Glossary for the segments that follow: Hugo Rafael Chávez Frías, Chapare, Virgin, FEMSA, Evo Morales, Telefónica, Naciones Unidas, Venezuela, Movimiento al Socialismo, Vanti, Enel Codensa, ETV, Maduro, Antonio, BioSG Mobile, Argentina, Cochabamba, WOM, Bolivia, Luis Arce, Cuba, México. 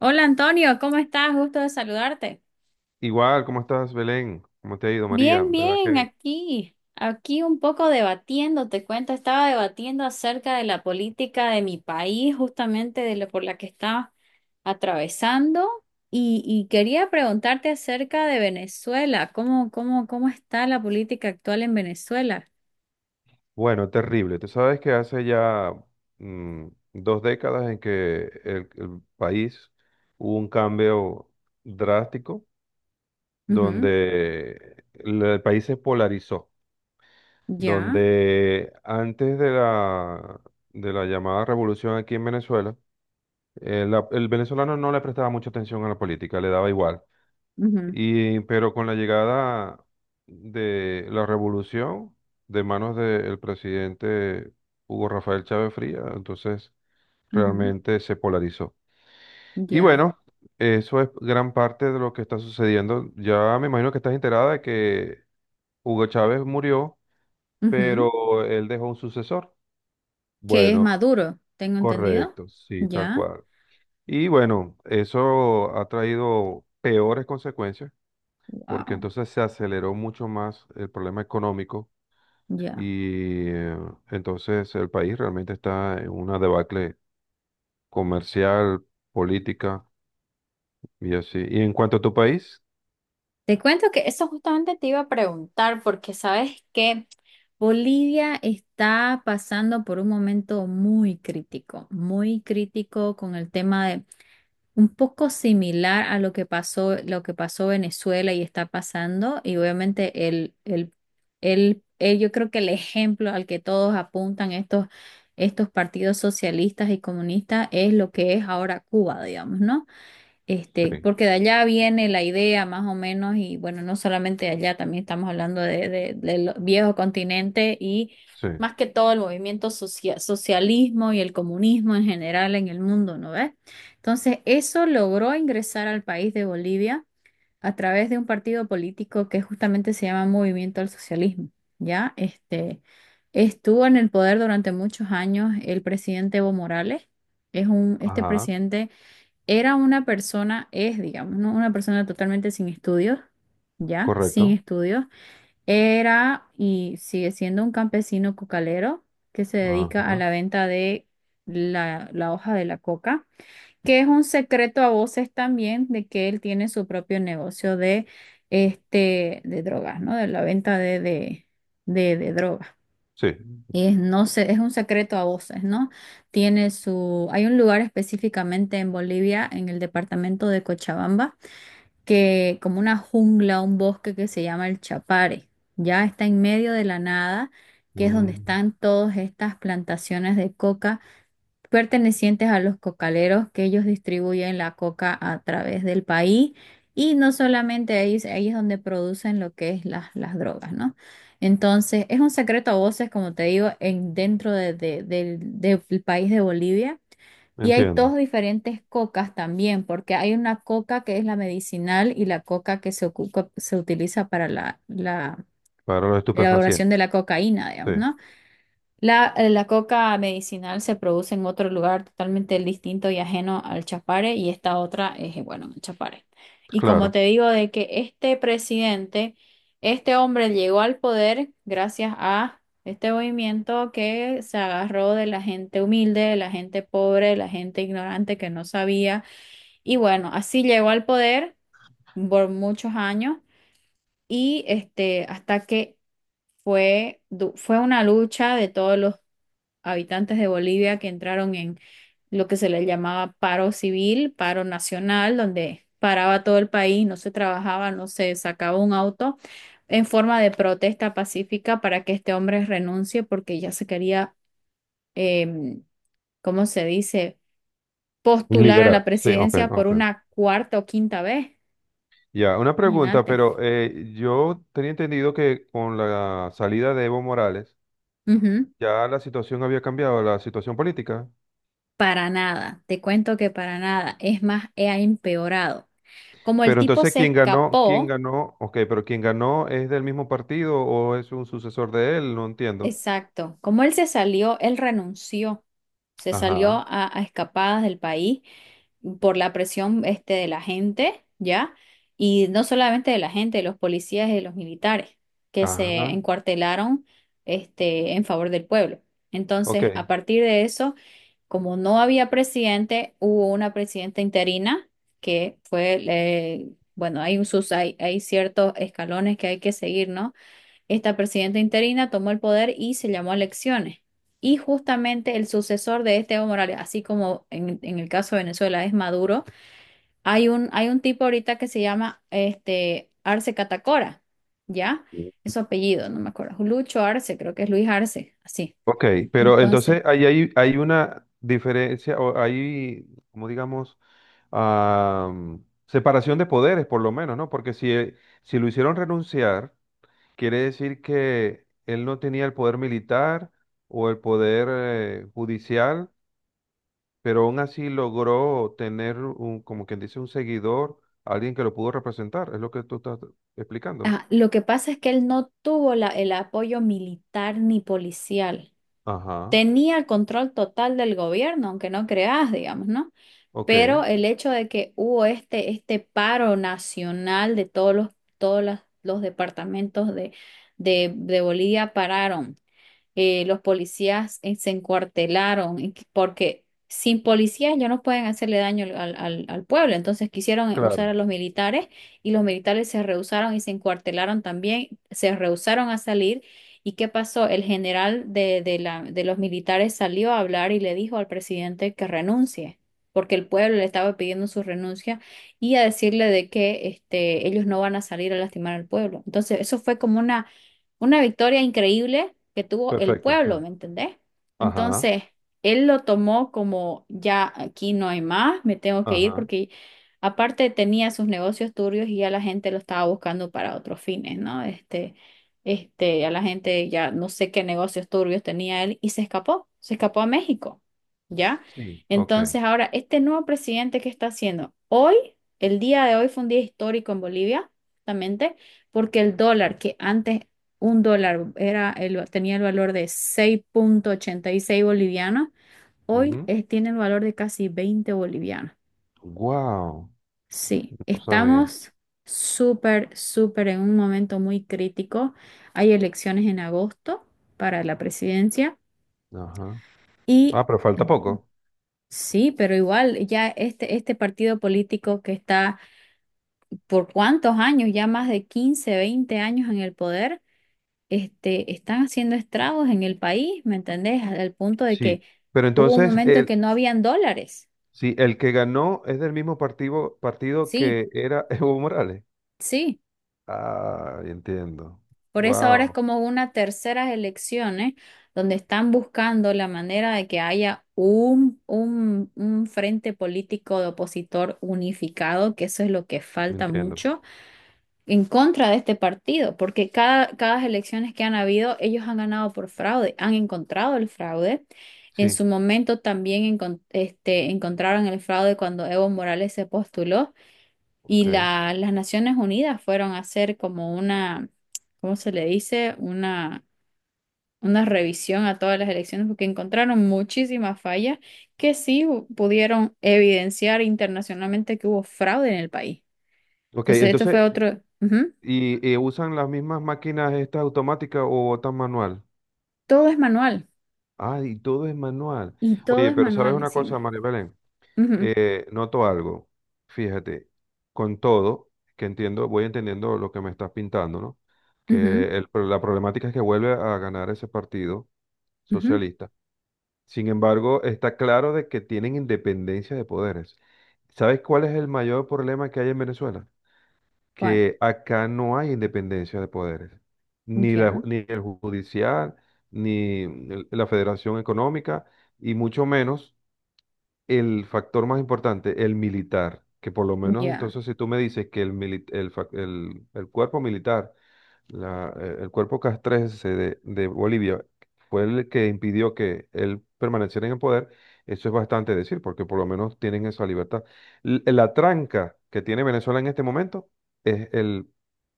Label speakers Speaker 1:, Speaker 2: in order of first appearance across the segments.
Speaker 1: Hola Antonio, ¿cómo estás? Gusto de saludarte.
Speaker 2: Igual, ¿cómo estás, Belén? ¿Cómo te ha ido, María?
Speaker 1: Bien,
Speaker 2: ¿Verdad
Speaker 1: bien,
Speaker 2: que?
Speaker 1: aquí un poco debatiendo, te cuento, estaba debatiendo acerca de la política de mi país, justamente de lo por la que estaba atravesando, y quería preguntarte acerca de Venezuela, ¿cómo está la política actual en Venezuela?
Speaker 2: Bueno, terrible. Tú sabes que hace ya mm, dos décadas en que el país hubo un cambio drástico
Speaker 1: Ujú.
Speaker 2: donde el país se polarizó,
Speaker 1: Ya.
Speaker 2: donde antes de de la llamada revolución aquí en Venezuela, el venezolano no le prestaba mucha atención a la política, le daba igual.
Speaker 1: Ujú.
Speaker 2: Pero con la llegada de la revolución de manos del presidente Hugo Rafael Chávez Frías, entonces
Speaker 1: Ujú.
Speaker 2: realmente se polarizó. Y
Speaker 1: Ya.
Speaker 2: bueno, eso es gran parte de lo que está sucediendo. Ya me imagino que estás enterada de que Hugo Chávez murió,
Speaker 1: Ujú.
Speaker 2: pero él dejó un sucesor.
Speaker 1: Que es
Speaker 2: Bueno,
Speaker 1: Maduro, tengo entendido.
Speaker 2: correcto, sí, tal
Speaker 1: Ya.
Speaker 2: cual. Y bueno, eso ha traído peores consecuencias porque
Speaker 1: Wow.
Speaker 2: entonces se aceleró mucho más el problema económico
Speaker 1: Ya.
Speaker 2: y entonces el país realmente está en una debacle comercial, política y así. ¿Y en cuanto a tu país?
Speaker 1: Te cuento que eso justamente te iba a preguntar porque sabes que Bolivia está pasando por un momento muy crítico con el tema de un poco similar a lo que pasó Venezuela y está pasando y obviamente yo creo que el ejemplo al que todos apuntan estos partidos socialistas y comunistas es lo que es ahora Cuba, digamos, ¿no?
Speaker 2: Sí,
Speaker 1: Porque de allá viene la idea más o menos, y bueno, no solamente de allá, también estamos hablando del viejo continente y
Speaker 2: sí,
Speaker 1: más que todo el movimiento socialismo y el comunismo en general en el mundo, ¿no ves? Entonces, eso logró ingresar al país de Bolivia a través de un partido político que justamente se llama Movimiento al Socialismo, ¿ya? Estuvo en el poder durante muchos años el presidente Evo Morales. Este
Speaker 2: ajá,
Speaker 1: presidente era una persona, es, digamos, ¿no? Una persona totalmente sin estudios, ya, sin
Speaker 2: correcto,
Speaker 1: estudios. Era y sigue siendo un campesino cocalero que se dedica a
Speaker 2: ajá,
Speaker 1: la venta de la hoja de la coca, que es un secreto a voces también de que él tiene su propio negocio de drogas, ¿no? De la venta de drogas.
Speaker 2: sí,
Speaker 1: Y es, no sé, es un secreto a voces, ¿no? Hay un lugar específicamente en Bolivia, en el departamento de Cochabamba, que como una jungla, un bosque que se llama el Chapare, ya está en medio de la nada, que es donde
Speaker 2: mm,
Speaker 1: están todas estas plantaciones de coca pertenecientes a los cocaleros que ellos distribuyen la coca a través del país y no solamente ahí es donde producen lo que es las drogas, ¿no? Entonces, es un secreto a voces, como te digo, dentro del país de Bolivia. Y hay
Speaker 2: entiendo,
Speaker 1: dos diferentes cocas también, porque hay una coca que es la medicinal y la coca que se utiliza para la
Speaker 2: para los
Speaker 1: elaboración
Speaker 2: estupefacientes,
Speaker 1: de la cocaína,
Speaker 2: sí,
Speaker 1: digamos, ¿no? La coca medicinal se produce en otro lugar totalmente distinto y ajeno al Chapare, y esta otra es, bueno, en el Chapare. Y como
Speaker 2: claro.
Speaker 1: te digo, de que este presidente, este hombre llegó al poder gracias a este movimiento que se agarró de la gente humilde, de la gente pobre, de la gente ignorante que no sabía. Y bueno, así llegó al poder por muchos años y hasta que fue una lucha de todos los habitantes de Bolivia que entraron en lo que se les llamaba paro civil, paro nacional, donde paraba todo el país, no se trabajaba, no se sacaba un auto, en forma de protesta pacífica para que este hombre renuncie porque ya se quería, em, ¿cómo se dice?, postular a
Speaker 2: Liberar,
Speaker 1: la
Speaker 2: sí, ok,
Speaker 1: presidencia por
Speaker 2: ok.
Speaker 1: una cuarta o quinta vez.
Speaker 2: Ya, una pregunta,
Speaker 1: Imagínate.
Speaker 2: pero yo tenía entendido que con la salida de Evo Morales,
Speaker 1: Ujú.
Speaker 2: ya la situación había cambiado, la situación política.
Speaker 1: Para nada, te cuento que para nada, es más, ha empeorado. Como el
Speaker 2: Pero
Speaker 1: tipo
Speaker 2: entonces,
Speaker 1: se
Speaker 2: ¿quién ganó? ¿Quién
Speaker 1: escapó.
Speaker 2: ganó? Ok, pero ¿quién ganó es del mismo partido o es un sucesor de él? No entiendo.
Speaker 1: Exacto. Como él se salió, él renunció, se salió
Speaker 2: Ajá,
Speaker 1: a escapadas del país por la presión de la gente, ¿ya? Y no solamente de la gente, de los policías y de los militares que se
Speaker 2: ajá,
Speaker 1: encuartelaron en favor del pueblo.
Speaker 2: ok.
Speaker 1: Entonces, a partir de eso, como no había presidente, hubo una presidenta interina que fue, bueno, hay ciertos escalones que hay que seguir, ¿no? Esta presidenta interina tomó el poder y se llamó a elecciones. Y justamente el sucesor de este Evo Morales, así como en el caso de Venezuela es Maduro, hay un tipo ahorita que se llama Arce Catacora, ¿ya? Es su apellido, no me acuerdo. Lucho Arce, creo que es Luis Arce, así.
Speaker 2: Ok, pero
Speaker 1: Entonces,
Speaker 2: entonces ahí hay, hay una diferencia, o hay, como digamos, am, separación de poderes por lo menos, ¿no? Porque si, si lo hicieron renunciar, quiere decir que él no tenía el poder militar o el poder judicial, pero aún así logró tener un, como quien dice, un seguidor, alguien que lo pudo representar, es lo que tú estás explicando.
Speaker 1: ajá, lo que pasa es que él no tuvo el apoyo militar ni policial.
Speaker 2: Ajá,
Speaker 1: Tenía el control total del gobierno, aunque no creas, digamos, ¿no?
Speaker 2: ok,
Speaker 1: Pero el hecho de que hubo este paro nacional de todos los, todos las- los departamentos de Bolivia pararon los policías, se encuartelaron, porque sin policías ya no pueden hacerle daño al pueblo. Entonces quisieron,
Speaker 2: claro,
Speaker 1: usar a los militares y los militares se rehusaron y se encuartelaron también, se rehusaron a salir. ¿Y qué pasó? El general de los militares salió a hablar y le dijo al presidente que renuncie, porque el pueblo le estaba pidiendo su renuncia y a decirle de que ellos no van a salir a lastimar al pueblo. Entonces, eso fue como una victoria increíble que tuvo el
Speaker 2: perfecto, sí.
Speaker 1: pueblo, ¿me entendés?
Speaker 2: Ajá,
Speaker 1: Entonces, él lo tomó como ya aquí no hay más, me tengo que ir
Speaker 2: ajá,
Speaker 1: porque aparte tenía sus negocios turbios y ya la gente lo estaba buscando para otros fines, ¿no? Ya la gente ya no sé qué negocios turbios tenía él y se escapó a México, ¿ya?
Speaker 2: sí, ok.
Speaker 1: Entonces, ahora, este nuevo presidente, ¿qué está haciendo? Hoy, el día de hoy fue un día histórico en Bolivia, justamente, porque el dólar que antes un dólar tenía el valor de 6,86 bolivianos, hoy tiene el valor de casi 20 bolivianos.
Speaker 2: Wow,
Speaker 1: Sí,
Speaker 2: no sabía.
Speaker 1: estamos súper, súper en un momento muy crítico. Hay elecciones en agosto para la presidencia
Speaker 2: Ajá.
Speaker 1: y,
Speaker 2: Ah, pero falta poco.
Speaker 1: sí, pero igual ya este partido político que está por cuántos años, ya más de 15 20 años en el poder. Están haciendo estragos en el país, ¿me entendés? Al punto de que
Speaker 2: Sí, pero
Speaker 1: hubo un
Speaker 2: entonces,
Speaker 1: momento en que
Speaker 2: el,
Speaker 1: no habían dólares.
Speaker 2: sí, el que ganó es del mismo partido
Speaker 1: Sí,
Speaker 2: que era Evo Morales.
Speaker 1: sí.
Speaker 2: Ah, entiendo.
Speaker 1: Por eso ahora es
Speaker 2: Wow,
Speaker 1: como una tercera elecciones donde están buscando la manera de que haya un frente político de opositor unificado, que eso es lo que falta
Speaker 2: entiendo.
Speaker 1: mucho en contra de este partido, porque cada elecciones que han habido, ellos han ganado por fraude, han encontrado el fraude. En
Speaker 2: Sí,
Speaker 1: su momento también encontraron el fraude cuando Evo Morales se postuló y
Speaker 2: ok.
Speaker 1: las Naciones Unidas fueron a hacer como una, ¿cómo se le dice? Una revisión a todas las elecciones porque encontraron muchísimas fallas que sí pudieron evidenciar internacionalmente que hubo fraude en el país.
Speaker 2: Ok,
Speaker 1: Entonces, esto
Speaker 2: entonces
Speaker 1: fue otro. Ujú.
Speaker 2: y usan las mismas máquinas estas automáticas o botan manual.
Speaker 1: Todo es manual.
Speaker 2: Ah, y todo es manual.
Speaker 1: Y todo
Speaker 2: Oye,
Speaker 1: es
Speaker 2: pero ¿sabes
Speaker 1: manual
Speaker 2: una cosa,
Speaker 1: encima.
Speaker 2: María Belén?
Speaker 1: Ujú,
Speaker 2: Noto algo. Fíjate, con todo, que entiendo, voy entendiendo lo que me estás pintando, ¿no?
Speaker 1: ujú,
Speaker 2: Que la problemática es que vuelve a ganar ese partido
Speaker 1: ujú.
Speaker 2: socialista. Sin embargo, está claro de que tienen independencia de poderes. ¿Sabes cuál es el mayor problema que hay en Venezuela?
Speaker 1: ¿Cuál?
Speaker 2: Que acá no hay independencia de poderes, ni la
Speaker 1: Ya,
Speaker 2: ni el judicial, ni la Federación Económica, y mucho menos el factor más importante, el militar, que por lo menos
Speaker 1: ya.
Speaker 2: entonces si tú me dices que el cuerpo militar el cuerpo castrense de Bolivia fue el que impidió que él permaneciera en el poder, eso es bastante decir, porque por lo menos tienen esa libertad. La tranca que tiene Venezuela en este momento es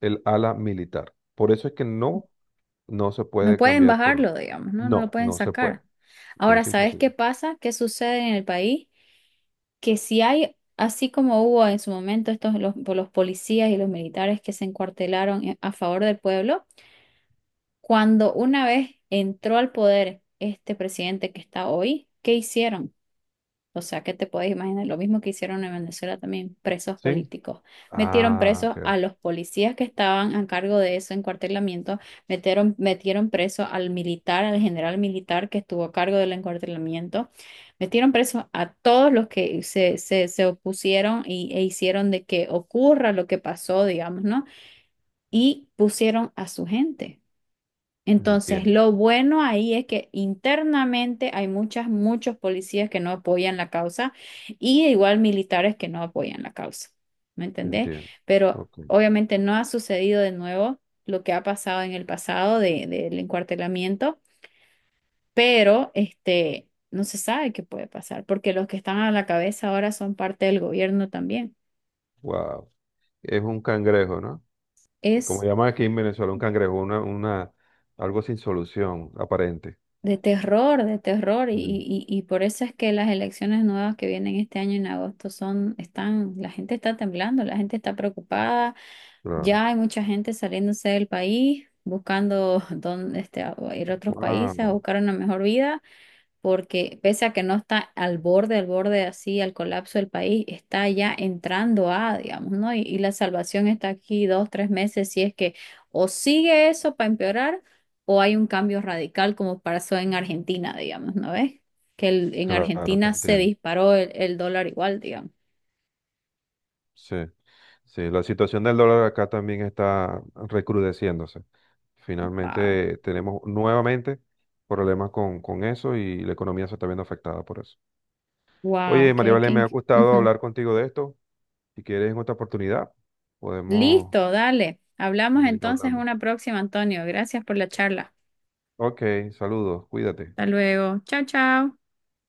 Speaker 2: el ala militar. Por eso es que no, no se
Speaker 1: No
Speaker 2: puede
Speaker 1: pueden
Speaker 2: cambiar por...
Speaker 1: bajarlo, digamos, ¿no? No lo
Speaker 2: No,
Speaker 1: pueden
Speaker 2: no se puede.
Speaker 1: sacar. Ahora,
Speaker 2: Es
Speaker 1: ¿sabes qué
Speaker 2: imposible.
Speaker 1: pasa? ¿Qué sucede en el país? Que si hay, así como hubo en su momento estos por los policías y los militares que se encuartelaron a favor del pueblo, cuando una vez entró al poder este presidente que está hoy, ¿qué hicieron? O sea que te puedes imaginar lo mismo que hicieron en Venezuela también, presos
Speaker 2: ¿Sí?
Speaker 1: políticos. Metieron
Speaker 2: Ah,
Speaker 1: presos
Speaker 2: ok.
Speaker 1: a los policías que estaban a cargo de eso encuartelamiento, metieron preso al militar, al general militar que estuvo a cargo del encuartelamiento, metieron presos a todos los que se opusieron y, e hicieron de que ocurra lo que pasó, digamos, ¿no? Y pusieron a su gente. Entonces,
Speaker 2: Entiendo,
Speaker 1: lo bueno ahí es que internamente hay muchos policías que no apoyan la causa y igual militares que no apoyan la causa. ¿Me entendés?
Speaker 2: entiendo.
Speaker 1: Pero
Speaker 2: Ok.
Speaker 1: obviamente no ha sucedido de nuevo lo que ha pasado en el pasado del encuartelamiento, pero no se sabe qué puede pasar porque los que están a la cabeza ahora son parte del gobierno también.
Speaker 2: Wow. Es un cangrejo, ¿no? Como
Speaker 1: Es
Speaker 2: llaman aquí en Venezuela, un cangrejo, una, algo sin solución aparente.
Speaker 1: De terror, y,
Speaker 2: Sí,
Speaker 1: y, y por eso es que las elecciones nuevas que vienen este año en agosto son, están, la gente está temblando, la gente está preocupada,
Speaker 2: claro.
Speaker 1: ya hay mucha gente saliéndose del país, buscando dónde, a ir a otros países a
Speaker 2: Wow,
Speaker 1: buscar una mejor vida, porque pese a que no está al borde así, al colapso del país, está ya entrando a, digamos, ¿no? Y la salvación está aquí 2, 3 meses, si es que o sigue eso para empeorar o hay un cambio radical como pasó en Argentina, digamos, ¿no ves? En
Speaker 2: claro, te
Speaker 1: Argentina se
Speaker 2: entiendo.
Speaker 1: disparó el dólar igual, digamos.
Speaker 2: Sí, sí, la situación del dólar acá también está recrudeciéndose.
Speaker 1: Wow,
Speaker 2: Finalmente tenemos nuevamente problemas con eso y la economía se está viendo afectada por eso.
Speaker 1: wow,
Speaker 2: Oye, María Valen, me ha gustado
Speaker 1: Ujú.
Speaker 2: hablar contigo de esto. Si quieres en otra oportunidad, podemos
Speaker 1: Listo, dale. Hablamos
Speaker 2: seguir
Speaker 1: entonces en
Speaker 2: hablando.
Speaker 1: una próxima, Antonio. Gracias por la charla.
Speaker 2: Ok, saludos, cuídate.
Speaker 1: Hasta luego. Chao, chao.